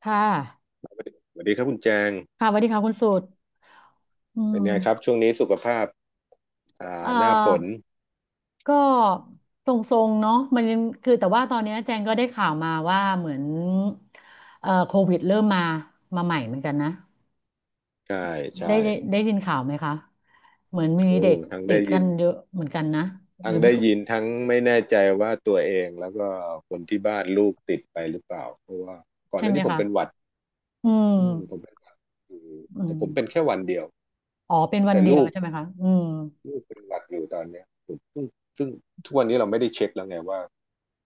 ค่ะสวัสดีครับคุณแจงค่ะสวัสดีค่ะคุณสุดอืเป็นไงครับมช่วงนี้สุขภาพเอ่อหน้าฝนก็ทรงๆ เนาะมันยังคือแต่ว่าตอนเนี้ยแจงก็ได้ข่าวมาว่าเหมือนโควิดเริ่มมามาใหม่เหมือนกันนะ ใช่ใช่ได้ยินข่าวไหมคะ เหมือนมีโอ้เด็กทั้งติได้ดกัยินนเยอะเหมือนกันนะหทั้รืงอไม่ได้ยินทั้งไม่แน่ใจว่าตัวเองแล้วก็คนที่บ้านลูกติดไปหรือเปล่าเพราะว่าก่อนหใช่น้าไหมนี้ผมคะเป็นหวัดอือืมผมมเป็นหวัดอยู่อืแต่มผมเป็นแค่วันเดียวอ๋อเป็นวันแต่เดียวลูกใช่ไหมคะอืม ลูกเป็นหวัดอยู่ตอนเนี้ยผมซึ่งทุกวันนี้เราไม่ได้เช็คแล้วไงว่า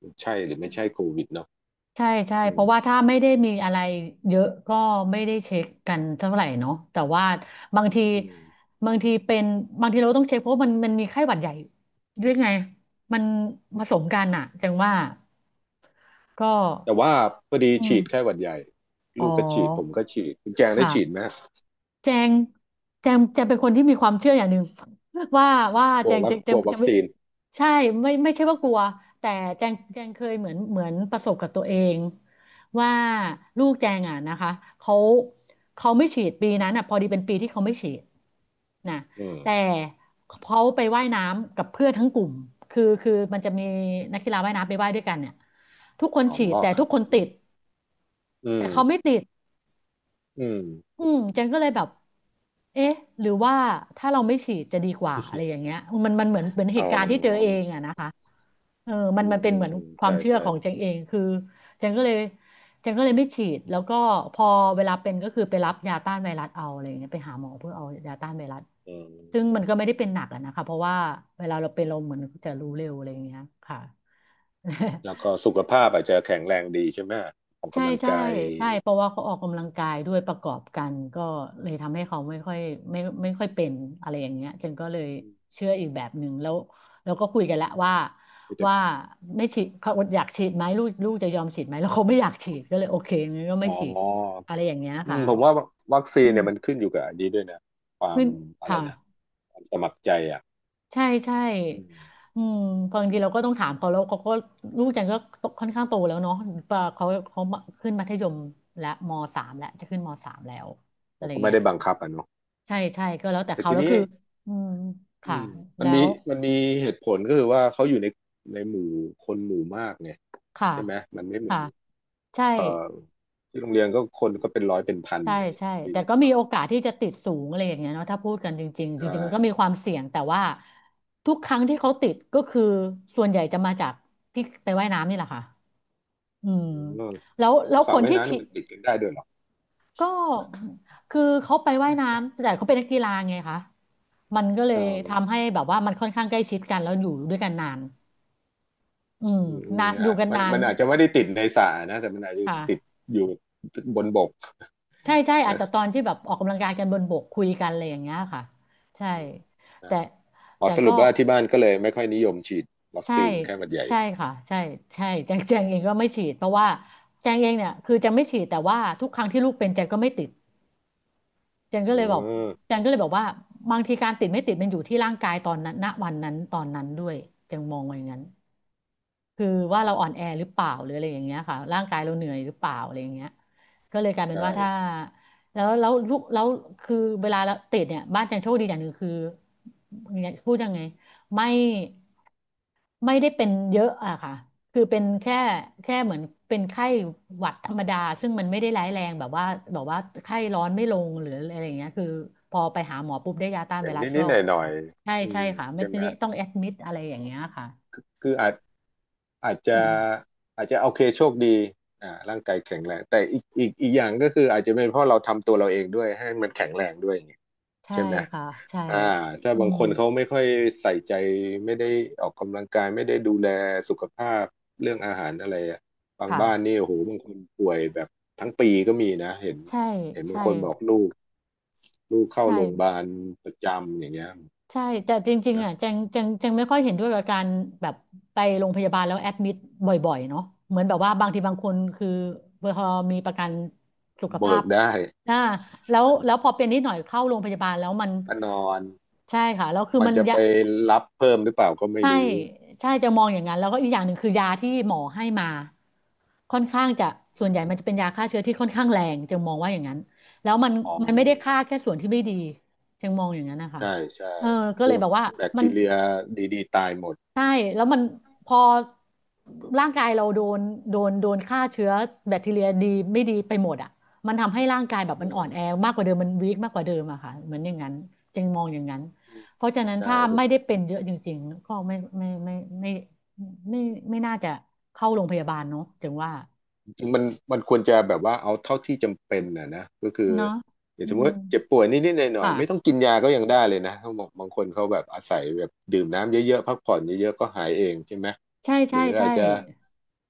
มันใช่หรือไม่ใช่โควิดเนาะใช่ใช่อืเพมราะว่าถ้าไม่ได้มีอะไรเยอะก็ไม่ได้เช็คกันเท่าไหร่เนาะแต่ว่าบางทีอืมบางทีเป็นบางทีเราต้องเช็คเพราะมันมีไข้หวัดใหญ่ด้วยไงมันผสมกันอะจังว่าก็แต่ว่าพอดีอืมฉีดไข้หวัดใหญ่อ๋ลูกก็ฉีดผมอก็ฉีดคุณแจคงได้ฉีดไหม ่ะ แจงแจงเป็นคนที่มีความเชื่ออย่างหนึ่ง ว่าว่ากลัววัคแจกงลัววัจะคไม่ซีนใช่ไม่ไม่ใช่ว่ากลัวแต่แจงเคยเหมือนประสบกับตัวเองว่าลูกแจงอ่ะนะคะเขาเขาไม่ฉีดปีนั้นอ่ะพอดีเป็นปีที่เขาไม่ฉีดนะอืแต่มเขาไปว่ายน้ำกับเพื่อนทั้งกลุ่มคือมันจะมีนักกีฬาว่ายน้ำไปว่ายด้วยกันเนี่ยทุกคนอ๋อฉีดแต่คทุรักบคนอืติมดอืแต่มเขาไม่ติด อืมอืมเจนก็เลยแบบเอ๊ะหรือว่าถ้าเราไม่ฉีดจะดีกว่าอะไรอย่างเงี้ยมันเหมือนเหเอตุการณ์ที่เจอเอางอะนะคะเอออืมัมนเป็อืนเหมมือนอืมควาใช่มเชื่อใช่ของเจงเอง คือเจงก็เลยเจงก็เลยไม่ฉีดแล้วก็พอเวลาเป็นก็คือไปรับยาต้านไวรัสเอาอะไรอย่างเงี้ยไปหาหมอเพื่อเอายาต้านไวรัสอืซึ่งมันมก็ไม่ได้เป็นหนักอะนะคะเพราะว่าเวลาเราเป็นเราเหมือนจะรู้เร็วอะไรอย่างเงี้ยค่ะ แล้วก็สุขภาพอาจจะแข็งแรงดีใช่ไหมออกใช่กำลังใช่กายใช่เพราะว่าเขาออกกำลังกายด้วยประกอบกันก็เลยทำให้เขาไม่ค่อยไม่ค่อยเป็นอะไรอย่างเงี้ยฉันก็เลยอืมเชื่ออีกแบบหนึ่งแล้วแล้วก็คุยกันและวว่าแต่ว่าไม่ฉีดเขาอยากฉีดไหมลูกจะยอมฉีดไหมแล้วเขาไม่อยากฉีดก็เลยโอเคงั้นก็ไม่อ๋อฉีดอะไรอย่างเงี้ยอืค่ะมผมว่าวัคซีอืนเนี่ยมมันขึ้นอยู่กับอันนี้ด้วยนะ ความขึ้นอะไรค่ะ นะความสมัครใจอ่ะใช่ใช่อืมอืมบางทีเราก็ต้องถามเขาแล้วเขาก็ลูกจันก็ค่อนข้างโตแล้วเนาะปะเขาเขาขึ้นมัธยมและมสามแล้วจะขึ้นมสามแล้วอะเราไรก็ไม่เงี้ยได้บังคับอ่ะเนาะใช่ใช่ก็แล้วแต่แต่เขาทีแล้วนี้คืออืมอืค่ะมมัแล้นมีวมันมีเหตุผลก็คือว่าเขาอยู่ในในหมู่คนหมู่มากไงค่ะใช่ไหม มันไม่เหมือค่ะ น ใช่เอ่อที่โรงเรียนก็คนก็เป็นร้อยเป็นพันใช่อย่างเงี้ยคใช่รับพี่แต่ก็ก็มีโอกาสที่จะติดสูงอะไรอย่างเงี้ยเนาะถ้าพูดกันจริงๆจใช่ริงๆมันก็มีความเสี่ยงแต่ว่าทุกครั้งที่เขาติดก็คือส่วนใหญ่จะมาจากที่ไปว่ายน้ำนี่แหละค่ะอืมอืมแล้วสระคนว่ายที่น้ำเนี่ฉียด มันติดกันได้ด้วยเหรอก็คือเขาไปว่ายน้ำแต่เขาเป็นนักกีฬาไงคะมันก็เลเออยทำให้แบบว่ามันค่อนข้างใกล้ชิดกันแล้วอยู่ด้วยกันนานอืมอืมอืมนานออ่ะยู่กันมันนานมันอาจจะไม่ได้ติดในสระนะ แต่มันอาจจะติดค่ะอยู่บนบกใช่ใช่อาจจะนะตอนที่แบบออกกำลังกายกันบนบกคุยกันอะไรอย่างเงี้ยค่ะใช่อืมใช่แต่อ๋อแต่สรุก็ปว่าที่บ้านก็เลยไม่ค่อยนิยมฉีดวัคใช่ซีนไข้หวัดใหญ่ใช่ค่ะใช่ใช่แจงเองก็ไม่ฉีดเพราะว่าแจงเองเนี่ยคือแจงไม่ฉีดแต่ว่าทุกครั้งที่ลูกเป็นแจงก็ไม่ติด จันก็อ๋เลยอบอกจันก็เลยบอกว่าบางทีการติดไม่ติดมันอยู่ที่ร่างกายตอนนั้นณวันนั้นตอนนั้นด้วยจันมองว่าอย่างนั้นคือว่าเราอ่อนแอหรือเปล่าหรืออะไรอย่างเงี้ยค่ะร่างกายเราเหนื่อยหรือเปล่าอะไรอย่างเงี้ยก็เลยกลายเป็นใช่ว่าถ้าแล้วแล้วลูกแล้วคือเวลาเราติดเนี่ยบ้านจันโชคดีอย่างหนึ่งคือพูดยังไงไม่ ไม่ได้เป็นเยอะอะค่ะ คือเป็นแค่เหมือนเป็นไข้หวัดธรรมดา ซึ่งมันไม่ได้ร้ายแรงแบบว่าแบบว่าไข้ร้อนไม่ลงหรืออะไรอย่างเงี้ยคือพอไปหาหมอปุ๊บได้ยาต้านเป็ไวนรัสก็นิด ๆ หลน่องยใช่ๆอืใช่มค่ะไม่ใช่ไหมได้ต้องแอดมิดอะไรอย่างเงี้ยค่ะคืออาจ อาจอืจะมอาจจะโอเคโชคดีอ่าร่างกายแข็งแรงแต่อีกอย่างก็คืออาจจะเป็นเพราะเราทำตัวเราเองด้วยให้มันแข็งแรงด้วยอย่างเงี้ยใช่ใช่ไหมค่ะใช่อ่าถ้าอืบางมคนเขาไม่ค่อยใส่ใจไม่ได้ออกกำลังกายไม่ได้ดูแลสุขภาพเรื่องอาหารอะไรอะบางค่ะ บ้านนี่โอ้โหบางคนป่วยแบบทั้งปีก็มีนะเห็นใช่เห็นบางใช่คนบอกลูกเข้าโรงพยาใช่ บาลประจำอย่างเงี้ยใช่แต่จริงๆนะอ่ะแจงไม่ค่อยเห็นด้วยกับการแบบไปโรงพยาบาลแล้วแอดมิดบ่อยๆเนาะเหมือนแบบว่าบางทีบางคนคือพอมีประกันสุขภาเบิพกได้อ่าแล้วพอเป็นนิดหน่อยเข้าโรงพยาบาลแล้วมันมานอนใช่ค่ะแล้วคือมันมันจะไปยะ รับเพิ่มหรือเปล่าก็ไม่ใช่รู้ ใช่จะมองอย่างนั้นแล้วก็อีกอย่างหนึ่งคือยาที่หมอให้มาค่อนข้างจะส่วนใหญ่มันจะเป็นยาฆ่าเชื้อที่ค่อนข้างแรงจึงมองว่าอย่างนั้นแล้วมันอ๋อไม่ได้ฆ่าแค่ส่วนที่ไม่ดีจึงมองอย่างนั้นนะคะใช่ใช่เออก็พเลยวกแบบว่าแบคมัน ทีเรียดีๆตายหมดใช่แล้วมันพอร่างกายเราโดนโดนฆ่าเชื้อแบคทีเรียดีไม่ดีไปหมดอ่ะมันทำให้ร่างกายแบบมัอืนอ่อนแอมมากกว่าเดิมมันวีคมากกว่าเดิมอะค่ะเหมือนอย่างนั้นจึงมองอย่างนั้นเพราะฉะนั้นใช่ ถ้าไม่ได้เป็นเยอะจริงๆก็ไม่ไม่ไม่ไม่ไม่ไม่ไม่น่าจะเข้าโรงพยาบาลเนาะจึงว่าจริงมันควรจะแบบว่าเอาเท่าที่จำเป็นนะนะก็คือเนาะอย่างอืสมมมติเจ็บป่วยนิดๆหน่อยๆไม่ต้องค่ะกินยาก็ยังได้เลยนะเขาบอกบางคนเขาแบบอาศัยแบบดื่มน้ำเยอะๆพักผ่อนเยอะๆก็หายเองใช่ไหมใช่หใช่รือใช่อาจจะ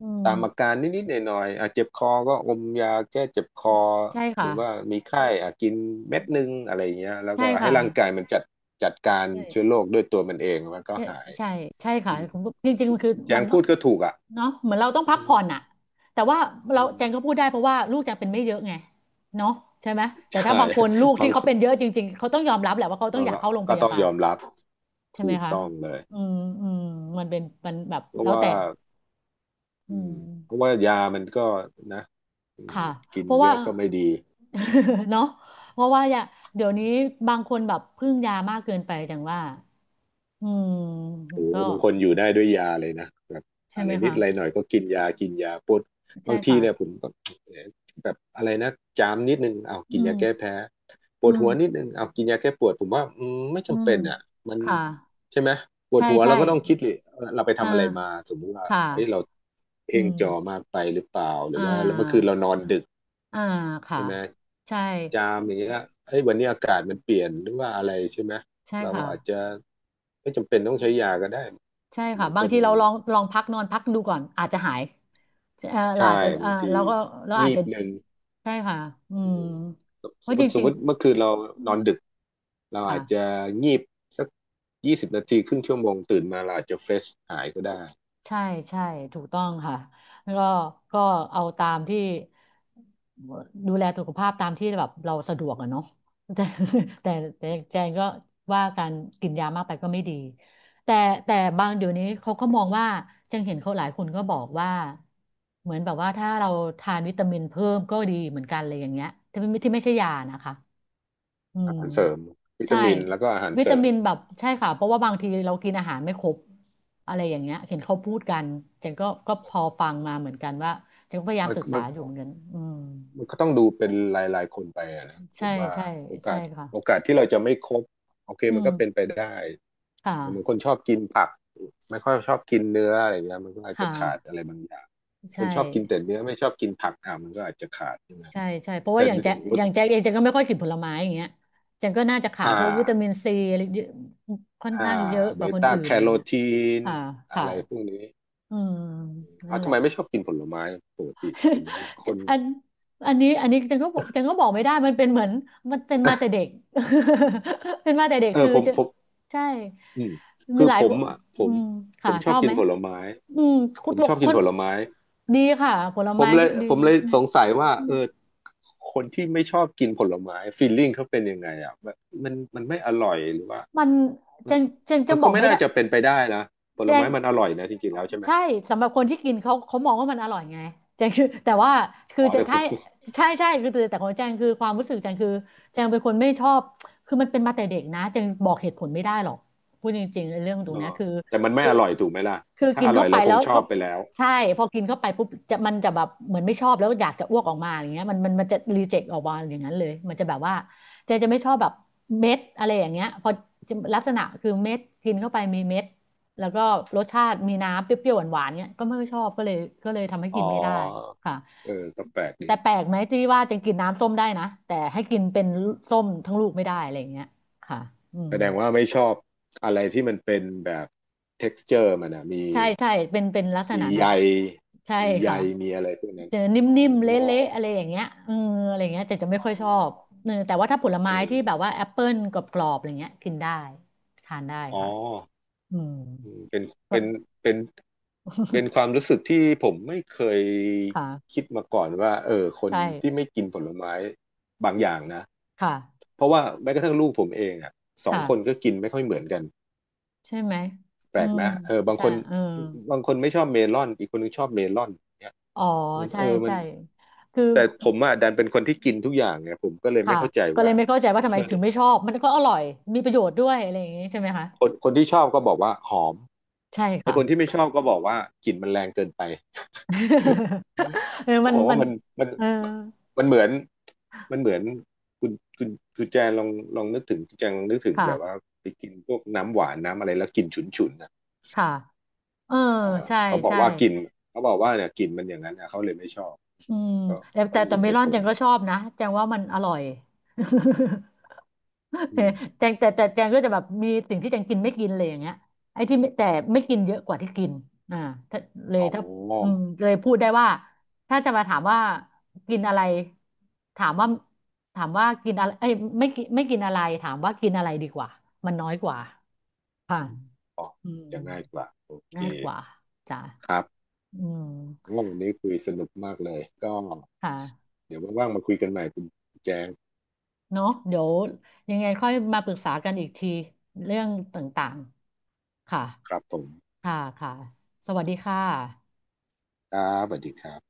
อืตามอามการนิดๆหน่อยๆอาจเจ็บคอก็อมยาแก้เจ็บคอใช่หค่ะรือว่ามีไข้อ่ะกินเม็ดนึงอะไรอย่างเงี้ยแล้วใช่ก็ให้ค่ะร่างกายมันจัดจัดการใช่ เชื้อโรคด้วยตัวมันเองมันก็ใช่หายใช่ใช่ค่ะอืมผมจริงๆมันคือคุณแจมังนต้พูองดก็ถูกอ่ะเนาะเหมือนเราต้องพักอืมผ่อนอะแต่ว่าเราอืแจงก็มพูดได้เพราะว่าลูกแจงเป็นไม่เยอะไงเนาะใช่ไหมแต่ถ้าใช่ บางคนลูก ฟัที่ง เขาเป็นเยอะจริงๆเขาต้องยอมรับแหละว่าเขาต้อเรางอยากก็เข้าโรงพก็ยาต้องบายลอมรับใช่ไหมถูกคะต้องเลยอืมอืมมันเป็นมันแบบเพราะแล้วว่าแต่อือืมเพราะมว่ายามันก็นะอืมค่ะกินเพราะเยว่า อะก็ไม่ดี เนาะเพราะว่าอย่าเดี๋ยวนี้บางคนแบบพึ่งยามากเกินไปจังว่าอืมโอ้โหก็บางคนอยู่ได้ด้วยยาเลยนะแบบใช่อะไหไรมนิคะดอะไรหน่อยก็กินยากินยาปวดใช่บางทีค่ะเนี่ยผมก็แบบอะไรนะจามนิดนึงเอาอืกินม ยาแก้แพ้ปอืวดมหัวนิดนึงเอากินยาแก้ปวดผมว่าไม่อืจำมเป็นอ่ะมันค่ะใช่ไหมปวดใช่หัวใช่เราก็ต้องคิดเลยเออเราไปอ่าทำอะไรมาสมมุติว่าค่เอ้ยเราะอืเพ่งมจอมากไปหรือเปล่าหรืออ่าว่าแล้วเมื่อคืนเรานอนดึกอ่าค่ะใช่ไหมใช่จามอย่างเงี้ยเอ้ยวันนี้อากาศมันเปลี่ยนหรือว่าอะไรใช่ไหมใช่เราก็ค่ะอาจจะไม่จำเป็นต้องใช้ยาก็ได้ ใช่ค่ะบางคบางนทีเราลองลองพักนอนพักดูก่อนอาจจะหายเราอาใช่จจะบางทีเราก็เราอาจงีจะบหนึ่งใช่ค่ะอือืมมสเพสมราะมจติสมริงมติเมื่อคืนเราๆอืนมอนดึกเราอาจจะค่ะ งีบสัก20 นาทีครึ่งชั่วโมงตื่นมาเราอาจจะเฟรชหายก็ได้ใช่ใช่ถูกต้องค่ะแล้วก็ก็เอาตามที่ดูแลสุขภาพตามที่แบบเราสะดวกอะเนาะแต่ แต่แต่แจงก็ว่าการกินยามากไปก็ไม่ดีแต่แต่บางเดี๋ยวนี้เขาก็มองว่าแจงเห็นเขาหลายคนก็บอกว่าเหมือนแบบว่าถ้าเราทานวิตามินเพิ่มก็ดีเหมือนกันเลยอย่างเงี้ยที่ไม่ที่ไม่ใช่ยานะคะ อือามหารเสริมวิใช่ตามินแล้วก็อาหารวิเสตาริมมินแบบใช่ค่ะเพราะว่าบางทีเรากินอาหารไม่ครบอะไรอย่างเงี้ยเห็นเขาพูดกันจจนก็ก็พอฟังมาเหมือนกันว่าจนก็พยายามมันศึกษามันอยู่เหมือนกันอืมมันก็ต้องดูเป็นรายๆคนไปอะนะผใช่มว่าใช่โอกาใช่สค่ะโอกาสที่เราจะไม่ครบโอเคอืมันมก็เป็นไปได้ ค่ะอย่างบางคนชอบกินผักไม่ค่อยชอบกินเนื้ออะไรเงี้ยมันก็อาจค่ะจะขาดอะไรบางอย่างคใช่นชอบกินแต่เนื้อไม่ชอบกินผักอ่ะมันก็อาจจะขาดใช่ไหมใช่ใช่เพราะว่าแต่อย่างแจ็คลอดย่างแจ็คเองแจ็คก็ไม่ค่อยกินผลไม้อย่างเงี้ยแจ็คก็น่าจะขาดอ่พวกวิตามิานซีอะไรเยอะค่อนอ่าข้างเยอะกเบว่าคนต้าอื่นแคอะไรโรเงี้ยทีนค่ะอะค่ะไรพวกนี้อืมนั่อ่ะนแหทำละ ไมไม่ชอบกินผลไม้ปกติเป็นคน อันอันนี้อันนี้จังก็บอกจังก็บอกไม่ได้มันเป็นเหมือนมันเป็นมาแต่ เด็ก เป็นมาแต่เด็กเออคือผมจะผมใช่อืมมีคือหลายผคมนอ่ะผอืมมผค่ะมชชออบบกิไหนมผลไม้อืมคุผณมบอชกอบกิคนนผลไม้ ดีค่ะผลผไม้มเลยดีผมเลยสงสัยว่าอืเอมอคนที่ไม่ชอบกินผลไม้ฟีลลิ่งเขาเป็นยังไงอ่ะแบบมันไม่อร่อยหรือว่ามันมัจันนจังมัจันงบก็อกไม่ไม่น่าได้จะเป็นไปได้นะผแจลง ไม้มันอร่อยนะจริงๆแล้วใช่ไหมใช่สำหรับคนที่กินเขาเขามองว่ามันอร่อยไงแจงคือแต่ว่าคืออ๋อจะแต่คถ้าน ใช่ใช่คือแต่แต่ของแจงคือความรู้สึกแจงคือแจงเป็นคนไม่ชอบคือมันเป็นมาแต่เด็กนะแจงบอกเหตุผลไม่ได้หรอกพูดจริงๆในเรื่องตร งอ๋อเนี้ยคือแต่มันไม่คือ อร่อยถูกไหมล่ะคือถ้ากินอร่เข้าอยไปเราคแล้งวชอก็บไปแล้วใช่พอกินเข้าไปปุ๊บจะมันจะแบบเหมือนไม่ชอบแล้วอยากจะอ้วกออกมาอย่างเงี้ยมันจะรีเจ็คออกมาอย่างนั้นเลยมันจะแบบว่าเจจะไม่ชอบแบบเม็ดอะไรอย่างเงี้ยพอจะลักษณะคือเม็ดกินเข้าไปมีเม็ดแล้วก็รสชาติมีน้ำเปรี้ยวๆหวานๆเงี้ยก็ไม่ค่อยชอบก็เลยก็เลยทำให้อ๋อกินไม่ได้ค่ะเออก็แปลกดีแต่แปลกไหมที่ว่าจะกินน้ำส้มได้นะแต่ให้กินเป็นส้มทั้งลูกไม่ได้อะไรอย่างเงี้ยค่ะอืแสม ดงว่าไม่ชอบอะไรที่มันเป็นแบบ texture มันอ่ะมีใช่ใช่เป็นเป็นลักษมีณะนั้ใยนใช่มีใยค่ะมีอะไรพวกนั้นเจอนอ๋ิ่มๆเลอะๆอะไรอย่างเงี้ยเอออะไรอย่างเงี้ยจะจะไม่อ๋อค่อยชอบเออแต่ว่าถ้าผลเอไม้อที่แบบว่าแอปเปิลกรอบๆอะไรเงี้ยกินได้ทานได้อ๋อ ค่ะอืมอืมเป็นก็ เป็นเป็นเป็นความ รู้สึกที่ผมไม่เคยค่ะคิดมาก่อนว่าเออคนที่ใช่ไม่กินผลไม้บางอย่างนะค่ะเพราะว่าแม้กระทั่งลูกผมเองอ่ะสองค่ะคนก็กินไม่ค่อยเหมือนกันใช่ไหมแปลอืกมไหมเออบางใช่คนเออบางคนไม่ชอบเมลอนอีกคนนึงชอบเมลอนเนี่ยอ๋อมันใช่เออมัใช่นคือแต่ผมอ่ะดันเป็นคนที่กินทุกอย่างไงผมก็เลยไม่ค่ะเข้าใจก็เลว่ายไม่เข้าใจว่าทำไมเออ ถึงไม่ชอบมันก็อร่อยมีประโยชน์ด้วยอะไรอย่างงี้ใช่ไหมคะคนที่ชอบก็บอกว่าหอมใช่ไอค่ะ คนที่ไม่ชอบก็บอกว่ากลิ่นมันแรงเกินไป เออ เขามันบอกมัว่านมันมันเออมันเหมือนมันเหมือนคุณคุณคุณแจงลองลองนึกถึงคุณแจงลองนึกถึงค่ะแบบว่าไปกินพวกน้ำหวานน้ำอะไรแล้วกลิ่นฉุนฉุนอ่ะค่ะเออเออใช่เขาบอกใช่ว่ากลิ่นเขาบอกว่าเนี่ยกลิ่นมันอย่างนั้นนะเขาเลยไม่ชอบอืมก็แต่ก็แต่แต่มีเมเหลตุอนผแจลงขอก็งชเขาอบนะแจงว่ามันอร่อย อืม แจงแต่แต่แจงก็จะแบบมีสิ่งที่แจงกินไม่กินเลยอย่างเงี้ยไอ้ที่ไม่แต่ไม่กินเยอะกว่าที่กินอ่าถ้าเลยอ๋ถ้าอืมอเลยพูดได้ว่าถ้าจะมาถามว่ากินอะไรถามว่าถามว่ากินอะไรเอ้ยไม่กินไม่กินอะไรถามว่ากินอะไรดีกว่ามันน้อยกว่าค่ะอืมอ๋ออืม จะง่ายกว่าโอเคง่ายกว่าจ้ะครับอืมโอ้วันนี้คุยสนุกมากเลยก็ ค่ะเดี๋ยวว่างๆมาคุยกันใหม่คุณแจงเนอะเดี๋ยวยังไงค่อยมาปรึกษากันอีกทีเรื่องต่างๆ ค่ะ ครับผมค่ะค่ะสวัสดีค่ะครับสวัสดีครับ